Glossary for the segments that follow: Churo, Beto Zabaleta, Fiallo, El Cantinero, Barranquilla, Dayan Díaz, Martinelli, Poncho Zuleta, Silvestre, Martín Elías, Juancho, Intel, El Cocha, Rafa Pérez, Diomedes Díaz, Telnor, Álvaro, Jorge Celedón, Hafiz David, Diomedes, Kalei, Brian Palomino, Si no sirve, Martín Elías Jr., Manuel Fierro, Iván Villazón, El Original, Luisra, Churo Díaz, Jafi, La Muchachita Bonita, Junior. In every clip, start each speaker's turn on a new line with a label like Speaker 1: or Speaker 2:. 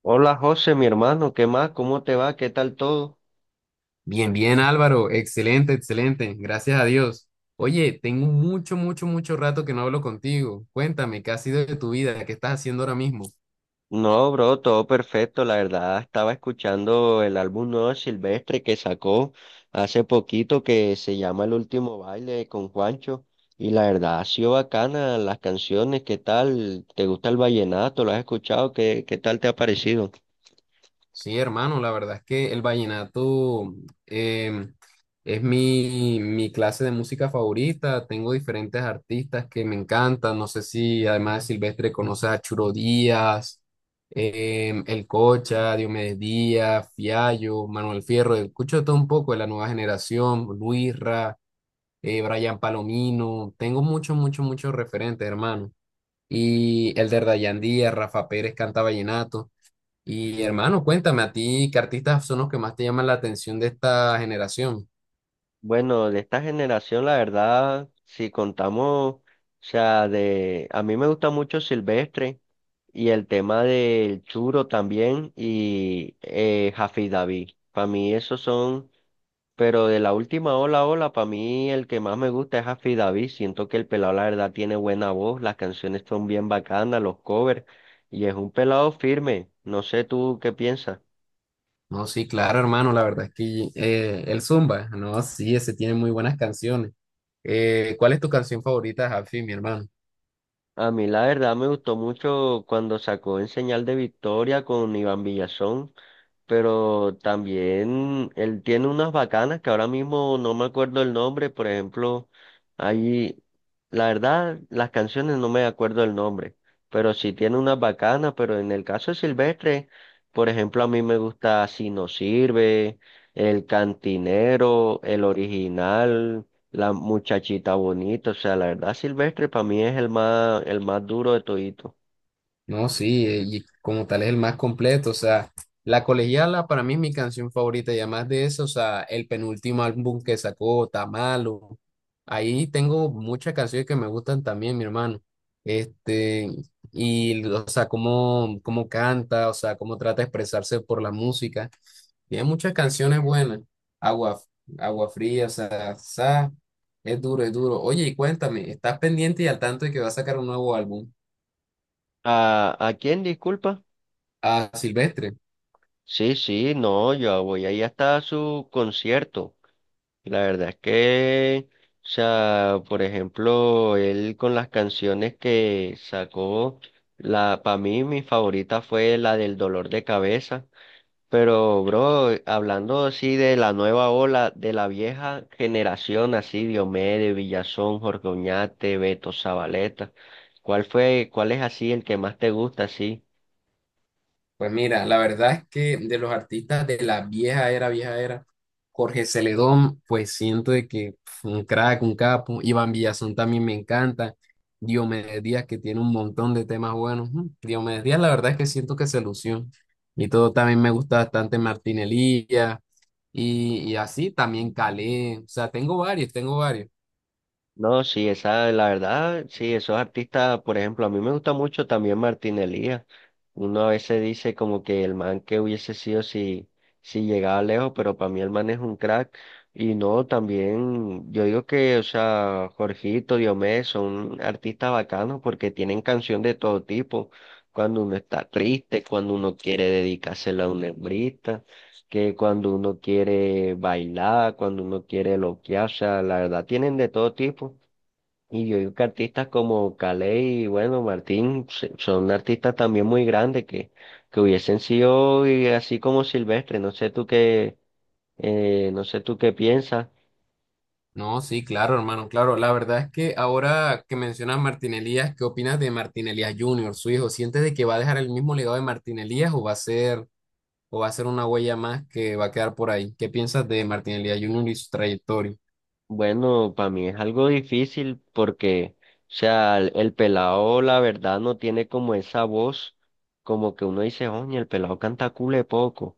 Speaker 1: Hola José, mi hermano, ¿qué más? ¿Cómo te va? ¿Qué tal todo?
Speaker 2: Bien, bien, Álvaro. Excelente, excelente. Gracias a Dios. Oye, tengo mucho, mucho, mucho rato que no hablo contigo. Cuéntame, ¿qué ha sido de tu vida? ¿Qué estás haciendo ahora mismo?
Speaker 1: No, bro, todo perfecto. La verdad, estaba escuchando el álbum nuevo de Silvestre que sacó hace poquito que se llama El Último Baile con Juancho. Y la verdad, ha sido bacana las canciones. ¿Qué tal? ¿Te gusta el vallenato? ¿Lo has escuchado? ¿Qué tal te ha parecido?
Speaker 2: Sí, hermano, la verdad es que el vallenato em, es mi clase de música favorita. Tengo diferentes artistas que me encantan. No sé si además de Silvestre conoces a Churo Díaz, El Cocha, Diomedes Díaz, Fiallo, Manuel Fierro. Escucho todo un poco de la nueva generación, Luisra. Brian Palomino, tengo muchos, muchos, muchos referentes, hermano. Y el de Dayan Díaz, Rafa Pérez canta vallenato. Y hermano, cuéntame, ¿a ti qué artistas son los que más te llaman la atención de esta generación?
Speaker 1: Bueno, de esta generación, la verdad, si contamos, o sea, de, a mí me gusta mucho Silvestre. Y el tema del Churo también y David. Para mí esos son, pero de la última ola, para mí el que más me gusta es Hafiz David. Siento que el pelado la verdad tiene buena voz, las canciones son bien bacanas, los covers, y es un pelado firme. No sé tú qué piensas.
Speaker 2: No, sí, claro, hermano, la verdad es que el Zumba, no, sí, ese tiene muy buenas canciones. ¿Cuál es tu canción favorita, Jafi, mi hermano?
Speaker 1: A mí la verdad me gustó mucho cuando sacó En Señal de Victoria con Iván Villazón. Pero también él tiene unas bacanas que ahora mismo no me acuerdo el nombre, por ejemplo, ahí, la verdad, las canciones no me acuerdo el nombre, pero sí tiene unas bacanas, pero en el caso de Silvestre, por ejemplo, a mí me gusta Si no sirve, El Cantinero, El Original, La Muchachita Bonita, o sea, la verdad, Silvestre para mí es el más duro de todito.
Speaker 2: No, sí, y como tal es el más completo, o sea, La Colegiala para mí es mi canción favorita y además de eso, o sea, el penúltimo álbum que sacó, Tamalo, ahí tengo muchas canciones que me gustan también, mi hermano, este, y, o sea, cómo canta, o sea, cómo trata de expresarse por la música, tiene muchas canciones buenas, Agua, Agua Fría, o sea, es duro, es duro. Oye, y cuéntame, ¿estás pendiente y al tanto de que va a sacar un nuevo álbum?
Speaker 1: ¿A quién, disculpa?
Speaker 2: A Silvestre.
Speaker 1: Sí, sí, no, yo voy ahí hasta su concierto. Y la verdad es que, o sea, por ejemplo, él con las canciones que sacó, la, para mí mi favorita fue la del dolor de cabeza. Pero, bro, hablando así de la nueva ola, de la vieja generación, así, Diomedes, Villazón, Jorge Oñate, Beto Zabaleta, ¿cuál es así el que más te gusta, así?
Speaker 2: Pues mira, la verdad es que de los artistas de la vieja era, Jorge Celedón, pues siento de que un crack, un capo, Iván Villazón también me encanta, Diomedes Díaz que tiene un montón de temas buenos, Diomedes Díaz la verdad es que siento que se lució, y todo también me gusta bastante Martín Elías, y así también Calé, o sea, tengo varios, tengo varios.
Speaker 1: No, sí, esa, la verdad, sí, esos artistas, por ejemplo, a mí me gusta mucho también Martín Elías. Uno a veces dice como que el man que hubiese sido si, si llegaba lejos, pero para mí el man es un crack. Y no, también, yo digo que, o sea, Jorgito, Diomedes son artistas bacanos porque tienen canción de todo tipo. Cuando uno está triste, cuando uno quiere dedicársela a una hembrita, que cuando uno quiere bailar, cuando uno quiere loquear, o sea, la verdad, tienen de todo tipo. Y yo digo que artistas como Kalei y bueno, Martín se- son artistas también muy grandes que hubiesen sido y así como Silvestre. No sé tú qué piensas.
Speaker 2: No, sí, claro, hermano, claro. La verdad es que ahora que mencionas Martín Elías, ¿qué opinas de Martín Elías Jr., su hijo? ¿Sientes de que va a dejar el mismo legado de Martín Elías o va a ser una huella más que va a quedar por ahí? ¿Qué piensas de Martín Elías Jr. y su trayectoria?
Speaker 1: Bueno, para mí es algo difícil porque, o sea, el pelado la verdad no tiene como esa voz, como que uno dice, oye, el pelado canta cule poco.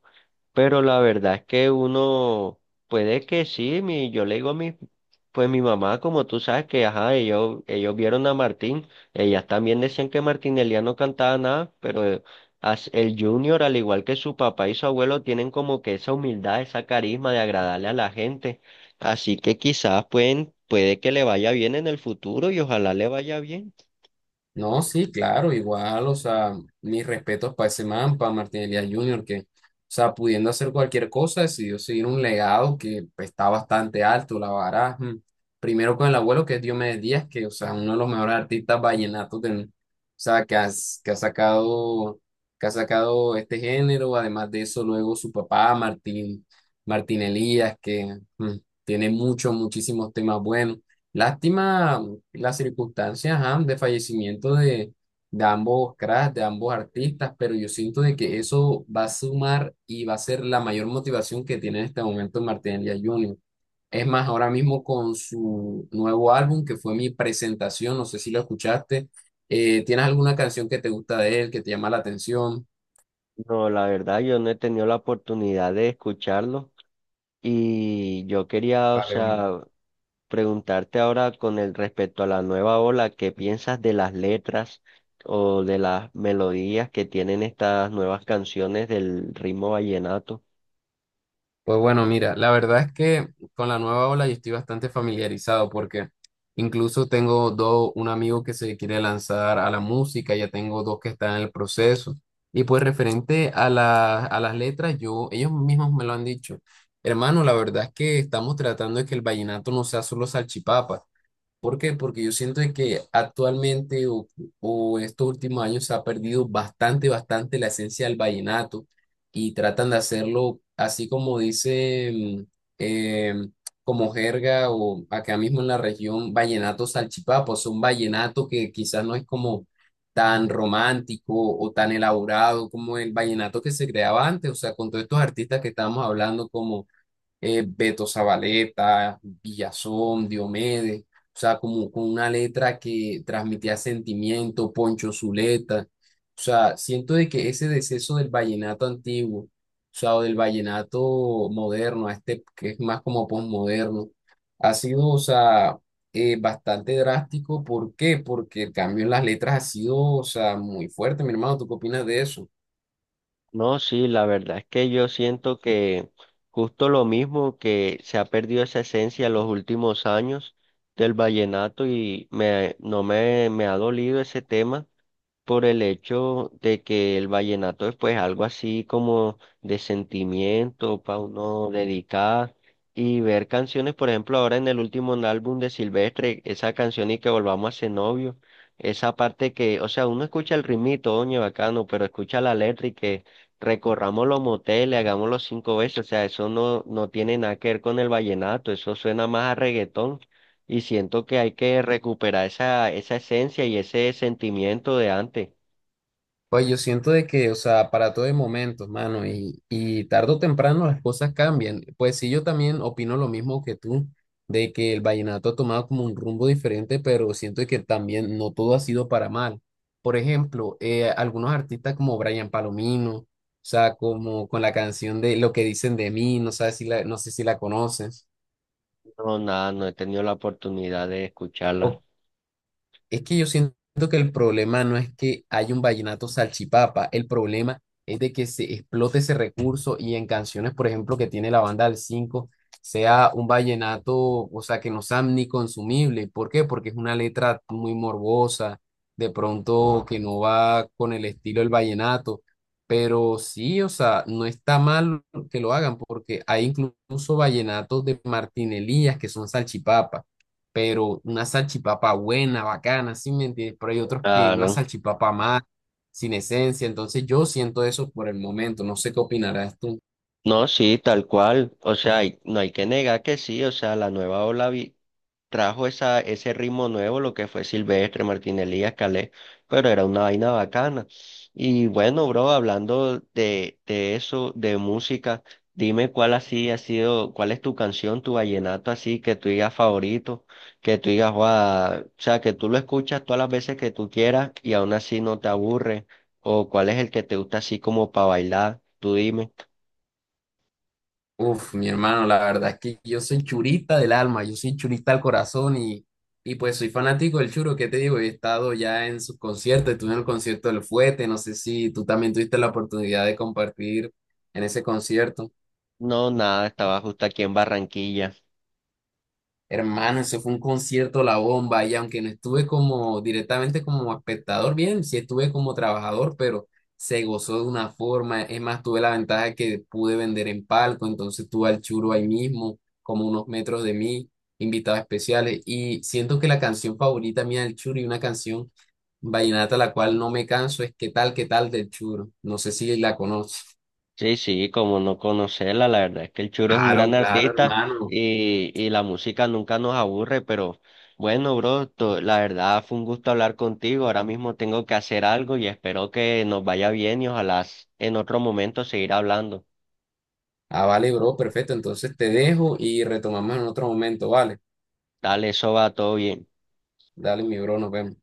Speaker 1: Pero la verdad es que uno puede que sí, mi, yo le digo a mi, pues mi mamá, como tú sabes que, ajá, ellos vieron a Martín, ellas también decían que Martinelli no cantaba nada, pero as- el Junior, al igual que su papá y su abuelo, tienen como que esa humildad, esa carisma de agradarle a la gente. Así que quizás pueden, puede que le vaya bien en el futuro y ojalá le vaya bien.
Speaker 2: No, sí, claro, igual, o sea, mis respetos para ese man, para Martín Elías Jr., que, o sea, pudiendo hacer cualquier cosa, decidió seguir un legado que pues, está bastante alto, la vara. Primero con el abuelo, que es Diomedes Díaz, que, o sea, uno de los mejores artistas vallenatos del, o sea, que, que ha sacado, este género. Además de eso, luego su papá, Martín Elías, que tiene muchos, muchísimos temas buenos. Lástima las circunstancias ajá, de fallecimiento de ambos cracks, de ambos artistas, pero yo siento de que eso va a sumar y va a ser la mayor motivación que tiene en este momento Martín Elías Jr. Es más, ahora mismo con su nuevo álbum, que fue mi presentación, no sé si lo escuchaste, ¿tienes alguna canción que te gusta de él, que te llama la atención?
Speaker 1: No, la verdad, yo no he tenido la oportunidad de escucharlo. Y yo quería, o
Speaker 2: Vale, vale.
Speaker 1: sea, preguntarte ahora con el respecto a la nueva ola, ¿qué piensas de las letras o de las melodías que tienen estas nuevas canciones del ritmo vallenato?
Speaker 2: Pues bueno, mira, la verdad es que con la nueva ola yo estoy bastante familiarizado porque incluso tengo dos, un amigo que se quiere lanzar a la música, ya tengo dos que están en el proceso. Y pues referente a a las letras, yo, ellos mismos me lo han dicho. Hermano, la verdad es que estamos tratando de que el vallenato no sea solo salchipapa. ¿Por qué? Porque yo siento de que actualmente o estos últimos años se ha perdido bastante, bastante la esencia del vallenato y tratan de hacerlo así como dice, em, como jerga o acá mismo en la región, vallenato salchipapa, es un vallenato que quizás no es como tan romántico o tan elaborado como el vallenato que se creaba antes, o sea, con todos estos artistas que estábamos hablando como Beto Zabaleta, Villazón, Diomedes, o sea, como con una letra que transmitía sentimiento, Poncho Zuleta, o sea, siento de que ese deceso del vallenato antiguo, o sea, o del vallenato moderno, a este que es más como posmoderno, ha sido, o sea, bastante drástico. ¿Por qué? Porque el cambio en las letras ha sido, o sea, muy fuerte, mi hermano, ¿tú qué opinas de eso?
Speaker 1: No, sí, la verdad es que yo siento que justo lo mismo que se ha perdido esa esencia en los últimos años del vallenato y me, no me, me ha dolido ese tema por el hecho de que el vallenato es pues algo así como de sentimiento para uno dedicar y ver canciones, por ejemplo, ahora en el último álbum de Silvestre, esa canción y que volvamos a ser novios, esa parte que, o sea, uno escucha el ritmito, oye, bacano, pero escucha la letra y que recorramos los moteles, hagámoslo 5 veces, o sea, eso no tiene nada que ver con el vallenato, eso suena más a reggaetón. Y siento que hay que recuperar esa esencia y ese sentimiento de antes.
Speaker 2: Pues yo siento de que, o sea, para todo hay momentos, mano, y tarde o temprano las cosas cambian. Pues sí, yo también opino lo mismo que tú, de que el vallenato ha tomado como un rumbo diferente, pero siento que también no todo ha sido para mal. Por ejemplo, algunos artistas como Brian Palomino, o sea, como con la canción de Lo que dicen de mí, no sé si la conoces,
Speaker 1: No, nada, no he tenido la oportunidad de escucharla.
Speaker 2: o Es que yo siento que el problema no es que haya un vallenato salchipapa, el problema es de que se explote ese recurso y en canciones, por ejemplo, que tiene la banda del 5, sea un vallenato, o sea, que no sea ni consumible. ¿Por qué? Porque es una letra muy morbosa, de pronto que no va con el estilo del vallenato. Pero sí, o sea, no está mal que lo hagan, porque hay incluso vallenatos de Martín Elías que son salchipapas pero una salchipapa buena, bacana, ¿sí me entiendes? Pero hay otros que una
Speaker 1: Claro.
Speaker 2: salchipapa más, sin esencia, entonces yo siento eso por el momento, no sé qué opinarás tú.
Speaker 1: No, sí, tal cual. O sea, hay- no hay que negar que sí. O sea, la nueva ola vi- trajo esa, ese ritmo nuevo, lo que fue Silvestre, Martín Elías, Calé, pero era una vaina bacana. Y bueno, bro, hablando de eso, de música, dime cuál así ha sido, cuál es tu canción, tu vallenato así, que tú digas favorito, que tú digas, "Guau", o sea, que tú lo escuchas todas las veces que tú quieras y aún así no te aburre, o cuál es el que te gusta así como para bailar, tú dime.
Speaker 2: Uf, mi hermano, la verdad es que yo soy churista del alma, yo soy churista al corazón y pues soy fanático del churo, ¿qué te digo? He estado ya en sus conciertos, estuve en el concierto del Fuete, no sé si tú también tuviste la oportunidad de compartir en ese concierto.
Speaker 1: No, nada, estaba justo aquí en Barranquilla.
Speaker 2: Hermano, eso fue un concierto la bomba y aunque no estuve como directamente como espectador, bien, sí estuve como trabajador, pero se gozó de una forma. Es más, tuve la ventaja que pude vender en palco, entonces tuve al Churo ahí mismo, como unos metros de mí, invitados especiales. Y siento que la canción favorita mía del Churo y una canción vallenata la cual no me canso es qué tal del Churo? No sé si la conoces.
Speaker 1: Sí, sí, como no conocerla, la verdad es que el Churo es un
Speaker 2: Claro,
Speaker 1: gran
Speaker 2: claro,
Speaker 1: artista
Speaker 2: hermano.
Speaker 1: y la música nunca nos aburre, pero bueno, bro, to- la verdad fue un gusto hablar contigo. Ahora mismo tengo que hacer algo y espero que nos vaya bien y ojalá s- en otro momento seguir hablando.
Speaker 2: Ah, vale, bro, perfecto. Entonces te dejo y retomamos en otro momento, ¿vale?
Speaker 1: Dale, eso va todo bien.
Speaker 2: Dale, mi bro, nos vemos.